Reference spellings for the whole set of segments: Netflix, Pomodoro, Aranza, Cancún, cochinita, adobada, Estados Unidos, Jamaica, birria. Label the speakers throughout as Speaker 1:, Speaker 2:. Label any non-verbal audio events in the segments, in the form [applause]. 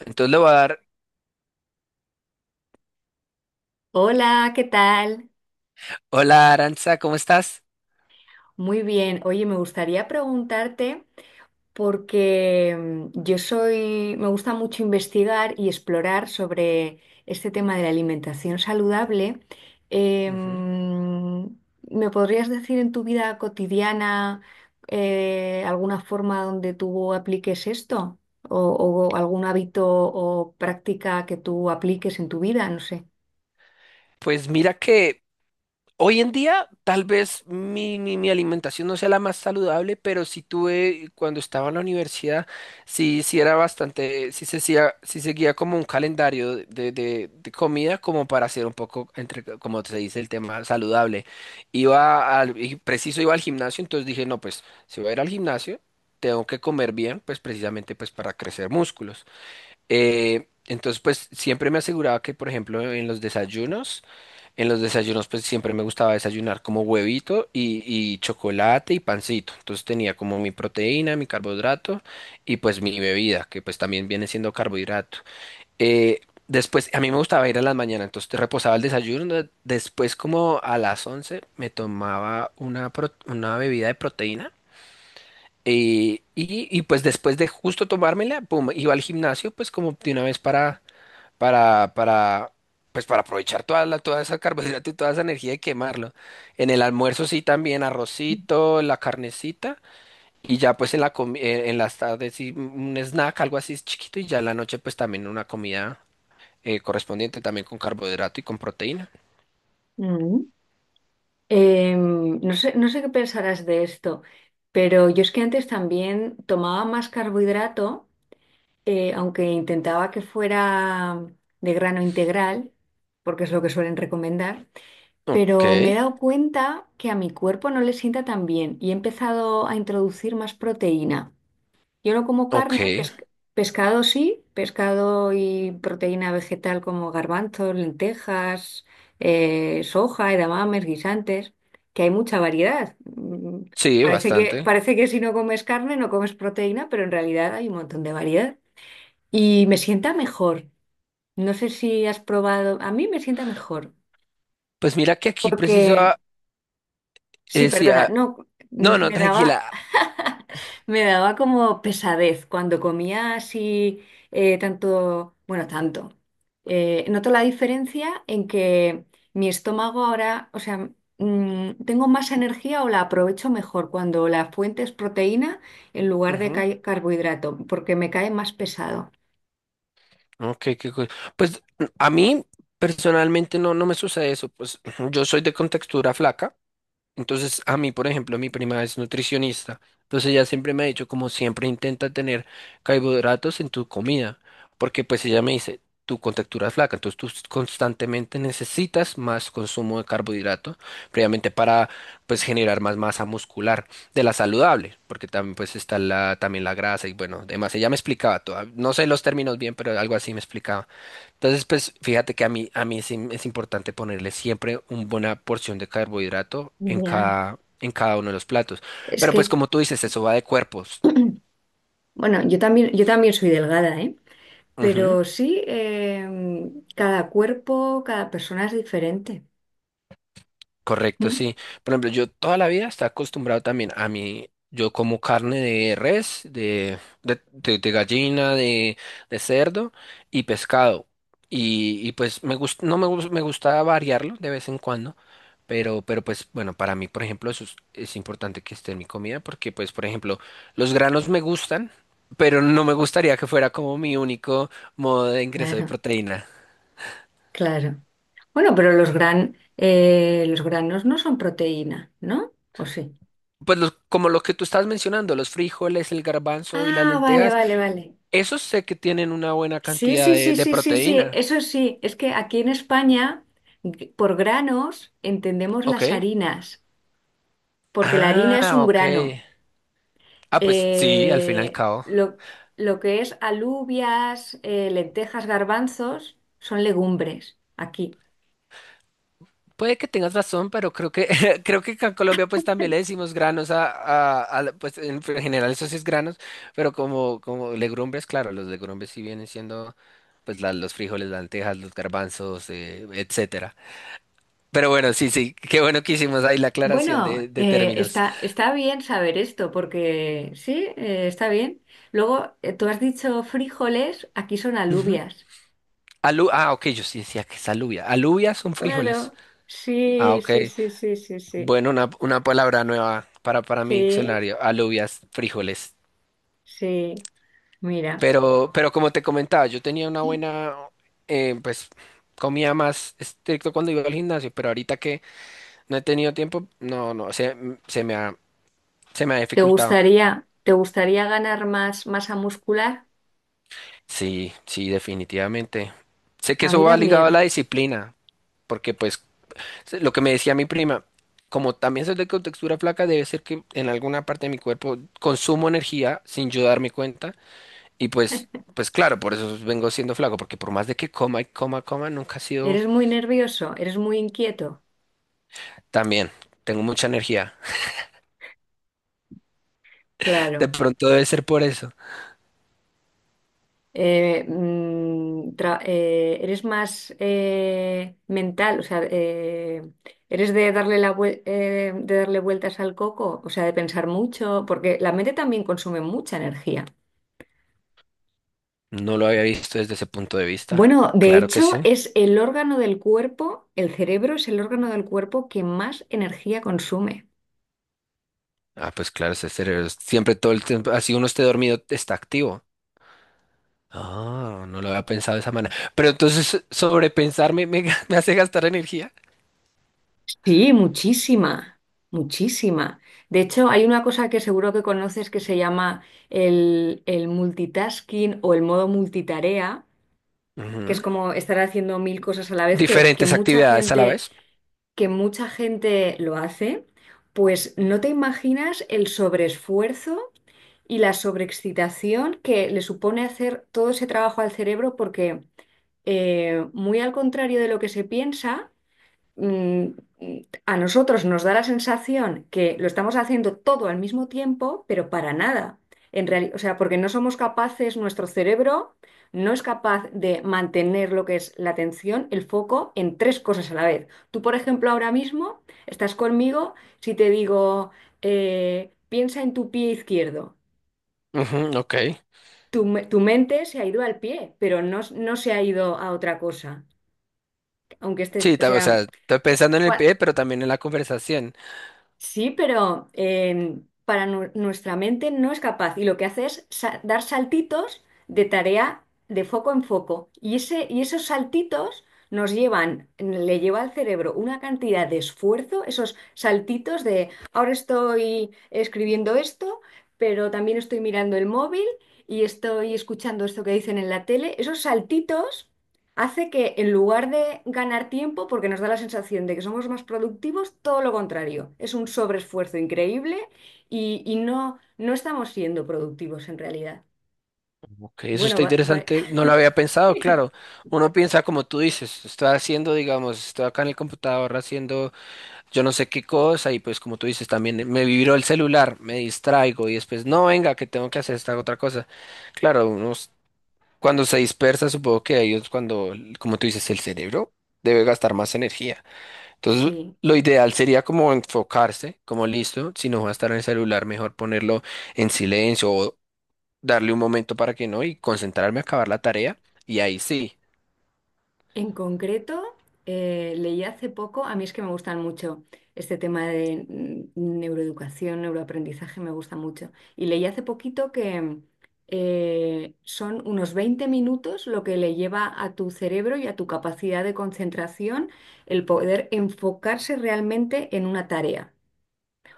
Speaker 1: Entonces le voy a dar,
Speaker 2: Hola, ¿qué tal?
Speaker 1: hola Aranza, ¿cómo estás?
Speaker 2: Muy bien. Oye, me gustaría preguntarte porque me gusta mucho investigar y explorar sobre este tema de la alimentación saludable.
Speaker 1: Ujú.
Speaker 2: Em, ¿Me podrías decir en tu vida cotidiana alguna forma donde tú apliques esto? O, o algún hábito o práctica que tú apliques en tu vida? No sé.
Speaker 1: Pues mira que hoy en día tal vez mi alimentación no sea la más saludable, pero sí tuve, cuando estaba en la universidad, sí era bastante, sí, sí seguía como un calendario de comida como para hacer un poco, entre, como se dice, el tema saludable. Iba al, y Preciso iba al gimnasio, entonces dije, no, pues si voy a ir al gimnasio, tengo que comer bien, pues precisamente pues para crecer músculos. Entonces, pues siempre me aseguraba que, por ejemplo, en los desayunos, pues siempre me gustaba desayunar como huevito y chocolate y pancito. Entonces tenía como mi proteína, mi carbohidrato y pues mi bebida, que pues también viene siendo carbohidrato. Eh, Después, a mí me gustaba ir a las mañanas, entonces te reposaba el desayuno. Después, como a las 11 me tomaba una bebida de proteína. Y pues después de justo tomármela, pum, iba al gimnasio, pues como de una vez para, para, pues para aprovechar toda esa carbohidrato y toda esa energía y quemarlo. En el almuerzo sí también arrocito, la carnecita y ya pues en las tardes sí un snack, algo así chiquito y ya en la noche pues también una comida correspondiente también con carbohidrato y con proteína.
Speaker 2: No sé, no sé qué pensarás de esto, pero yo es que antes también tomaba más carbohidrato, aunque intentaba que fuera de grano integral, porque es lo que suelen recomendar,
Speaker 1: Ok,
Speaker 2: pero me he dado cuenta que a mi cuerpo no le sienta tan bien y he empezado a introducir más proteína. Yo no como
Speaker 1: ok,
Speaker 2: carne, pescado sí, pescado y proteína vegetal como garbanzos, lentejas, soja, edamames, guisantes, que hay mucha variedad. Mm,
Speaker 1: sí,
Speaker 2: parece que,
Speaker 1: bastante.
Speaker 2: parece que si no comes carne no comes proteína, pero en realidad hay un montón de variedad. Y me sienta mejor. No sé si has probado, a mí me sienta mejor,
Speaker 1: Pues mira que aquí preciso
Speaker 2: porque sí, perdona,
Speaker 1: decía,
Speaker 2: no,
Speaker 1: no, no,
Speaker 2: me daba,
Speaker 1: tranquila.
Speaker 2: [laughs] me daba como pesadez cuando comía así tanto, bueno, tanto. Noto la diferencia en que mi estómago ahora, o sea, mm, tengo más energía o la aprovecho mejor cuando la fuente es proteína en lugar de
Speaker 1: Ujú,
Speaker 2: carbohidrato, porque me cae más pesado.
Speaker 1: ok, qué cool. Pues a mí personalmente no, no me sucede eso. Pues yo soy de contextura flaca. Entonces, a mí, por ejemplo, mi prima es nutricionista. Entonces, ella siempre me ha dicho, como siempre, intenta tener carbohidratos en tu comida. Porque, pues, ella me dice, tu contextura es flaca. Entonces, tú constantemente necesitas más consumo de carbohidratos, previamente para, pues, generar más masa muscular de la saludable. Porque también, pues, está la, también la grasa y, bueno, demás. Ella me explicaba todo. No sé los términos bien, pero algo así me explicaba. Entonces, pues fíjate que a mí es importante ponerle siempre una buena porción de carbohidrato
Speaker 2: Ya.
Speaker 1: en cada uno de los platos.
Speaker 2: Es
Speaker 1: Pero pues
Speaker 2: que,
Speaker 1: como tú dices, eso va de cuerpos.
Speaker 2: bueno, yo también soy delgada, ¿eh? Pero sí, cada cuerpo, cada persona es diferente.
Speaker 1: Correcto,
Speaker 2: Mm,
Speaker 1: sí. Por ejemplo, yo toda la vida estaba acostumbrado también a mí, yo como carne de res, de gallina, de cerdo y pescado. Y pues me gust- no me, gus- me gusta variarlo de vez en cuando, pero pues bueno, para mí, por ejemplo, es importante que esté en mi comida porque pues, por ejemplo, los granos me gustan, pero no me gustaría que fuera como mi único modo de ingreso de
Speaker 2: claro,
Speaker 1: proteína.
Speaker 2: claro. Bueno, pero los gran, los granos no son proteína, ¿no? ¿O sí?
Speaker 1: Como lo que tú estás mencionando, los frijoles, el garbanzo y las
Speaker 2: Ah, vale,
Speaker 1: lentejas,
Speaker 2: vale, vale.
Speaker 1: esos sé que tienen una buena
Speaker 2: Sí,
Speaker 1: cantidad
Speaker 2: sí, sí,
Speaker 1: de
Speaker 2: sí, sí, sí.
Speaker 1: proteína.
Speaker 2: Eso sí, es que aquí en España, por granos, entendemos las
Speaker 1: Ok.
Speaker 2: harinas, porque la harina es
Speaker 1: Ah,
Speaker 2: un
Speaker 1: ok.
Speaker 2: grano.
Speaker 1: Ah, pues sí, al fin y al
Speaker 2: Eh,
Speaker 1: cabo.
Speaker 2: lo, lo que es alubias, lentejas, garbanzos, son legumbres aquí.
Speaker 1: Puede que tengas razón, pero creo que [laughs] creo que acá en Colombia pues también le decimos granos a, pues en general eso sí es granos, pero como como legumbres, claro, los legumbres sí vienen siendo los frijoles, las lentejas, los garbanzos, etcétera. Pero bueno, sí, sí, qué bueno que hicimos ahí la aclaración
Speaker 2: Bueno,
Speaker 1: de términos.
Speaker 2: está, está bien saber esto porque sí, está bien. Luego, tú has dicho frijoles, aquí son
Speaker 1: Ujú.
Speaker 2: alubias.
Speaker 1: Ah, ok, yo sí decía que es alubia. Alubias son frijoles.
Speaker 2: Claro,
Speaker 1: Ah,
Speaker 2: sí,
Speaker 1: ok.
Speaker 2: sí, sí, sí, sí, sí,
Speaker 1: Bueno, una palabra nueva para mi
Speaker 2: sí,
Speaker 1: diccionario, alubias, frijoles.
Speaker 2: sí. Mira,
Speaker 1: Pero como te comentaba, yo tenía una buena, eh, pues, comida más estricto cuando iba al gimnasio, pero ahorita que no he tenido tiempo, no, no, se me ha, se me ha dificultado.
Speaker 2: te gustaría ganar más masa muscular?
Speaker 1: Sí, sí, definitivamente. Sé que
Speaker 2: A
Speaker 1: eso
Speaker 2: mí
Speaker 1: va ligado a
Speaker 2: también.
Speaker 1: la disciplina, porque pues lo que me decía mi prima, como también soy de contextura flaca, debe ser que en alguna parte de mi cuerpo consumo energía sin yo darme cuenta. Y pues, pues claro, por eso vengo siendo flaco, porque por más de que coma y coma, nunca ha sido
Speaker 2: ¿Eres muy nervioso? ¿Eres muy inquieto?
Speaker 1: tan bien. Tengo mucha energía. De
Speaker 2: Claro.
Speaker 1: pronto debe ser por eso.
Speaker 2: ¿Eres más mental? O sea, ¿eres de darle la de darle vueltas al coco? O sea, de pensar mucho, porque la mente también consume mucha energía.
Speaker 1: No lo había visto desde ese punto de vista.
Speaker 2: Bueno, de
Speaker 1: Claro que
Speaker 2: hecho,
Speaker 1: sí.
Speaker 2: es el órgano del cuerpo, el cerebro es el órgano del cuerpo que más energía consume.
Speaker 1: Ah, pues claro, siempre todo el tiempo, así uno esté dormido, está activo. Ah, no lo había pensado de esa manera. Pero entonces sobrepensarme [laughs] me hace gastar energía.
Speaker 2: Sí, muchísima, muchísima. De hecho, hay una cosa que seguro que conoces que se llama el multitasking o el modo multitarea, que es
Speaker 1: Ujú.
Speaker 2: como estar haciendo mil cosas a la vez,
Speaker 1: Diferentes actividades a la vez.
Speaker 2: que mucha gente lo hace, pues no te imaginas el sobreesfuerzo y la sobreexcitación que le supone hacer todo ese trabajo al cerebro, porque muy al contrario de lo que se piensa, mm, a nosotros nos da la sensación que lo estamos haciendo todo al mismo tiempo, pero para nada. En realidad, o sea, porque no somos capaces, nuestro cerebro no es capaz de mantener lo que es la atención, el foco en tres cosas a la vez. Tú, por ejemplo, ahora mismo estás conmigo, si te digo, piensa en tu pie izquierdo,
Speaker 1: Ujú, ok.
Speaker 2: tu mente se ha ido al pie, pero no, no se ha ido a otra cosa. Aunque esté,
Speaker 1: Sí,
Speaker 2: o
Speaker 1: o
Speaker 2: sea,
Speaker 1: sea, estoy pensando en el pie, pero también en la conversación.
Speaker 2: sí, pero nuestra mente no es capaz y lo que hace es dar saltitos de tarea de foco en foco. Y esos saltitos nos llevan, le lleva al cerebro una cantidad de esfuerzo, esos saltitos de ahora estoy escribiendo esto, pero también estoy mirando el móvil y estoy escuchando esto que dicen en la tele. Esos saltitos hace que en lugar de ganar tiempo, porque nos da la sensación de que somos más productivos, todo lo contrario. Es un sobreesfuerzo increíble y no, no estamos siendo productivos en realidad.
Speaker 1: Ok, eso
Speaker 2: Bueno,
Speaker 1: está interesante, no lo había pensado, claro.
Speaker 2: [laughs]
Speaker 1: Uno piensa como tú dices, estoy haciendo, digamos, estoy acá en el computador haciendo yo no sé qué cosa y pues como tú dices también me vibró el celular, me distraigo y después no, venga, que tengo que hacer esta otra cosa. Claro, uno cuando se dispersa, supongo que ahí es cuando, como tú dices, el cerebro debe gastar más energía. Entonces,
Speaker 2: sí.
Speaker 1: lo ideal sería como enfocarse, como listo, si no va a estar en el celular, mejor ponerlo en silencio o darle un momento para que no y concentrarme a acabar la tarea. Y ahí sí.
Speaker 2: En concreto, leí hace poco, a mí es que me gustan mucho este tema de mm, neuroeducación, neuroaprendizaje, me gusta mucho. Y leí hace poquito que son unos 20 minutos lo que le lleva a tu cerebro y a tu capacidad de concentración el poder enfocarse realmente en una tarea.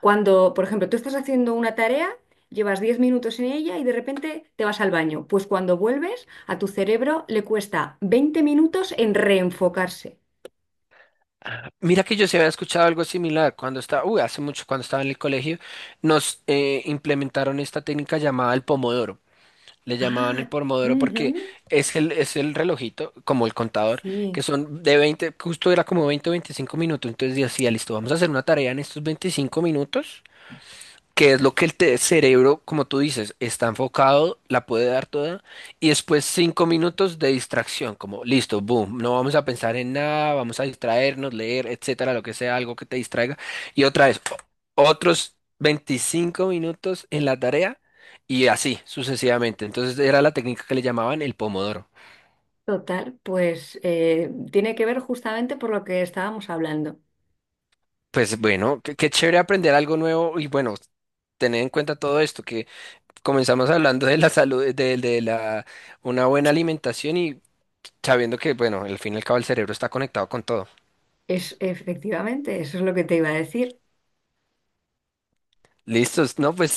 Speaker 2: Cuando, por ejemplo, tú estás haciendo una tarea, llevas 10 minutos en ella y de repente te vas al baño. Pues cuando vuelves, a tu cerebro le cuesta 20 minutos en reenfocarse.
Speaker 1: Mira que yo se había escuchado algo similar cuando estaba, uy, hace mucho, cuando estaba en el colegio, nos implementaron esta técnica llamada el pomodoro. Le llamaban el
Speaker 2: Ah,
Speaker 1: Pomodoro porque
Speaker 2: ujú,
Speaker 1: es el relojito, como el contador,
Speaker 2: sí.
Speaker 1: que son de 20, justo era como 20 o 25 minutos. Entonces decía, listo, vamos a hacer una tarea en estos 25 minutos que es lo que cerebro, como tú dices, está enfocado, la puede dar toda, y después 5 minutos de distracción, como listo, boom, no vamos a pensar en nada, vamos a distraernos, leer, etcétera, lo que sea, algo que te distraiga, y otra vez, otros 25 minutos en la tarea, y así sucesivamente. Entonces era la técnica que le llamaban el pomodoro.
Speaker 2: Total, pues tiene que ver justamente por lo que estábamos hablando.
Speaker 1: Pues bueno, qué, qué chévere aprender algo nuevo y bueno, tener en cuenta todo esto, que comenzamos hablando de la salud, de la, una buena alimentación y sabiendo que, bueno, al fin y al cabo el cerebro está conectado con todo.
Speaker 2: Es efectivamente, eso es lo que te iba a decir.
Speaker 1: Listos, no, pues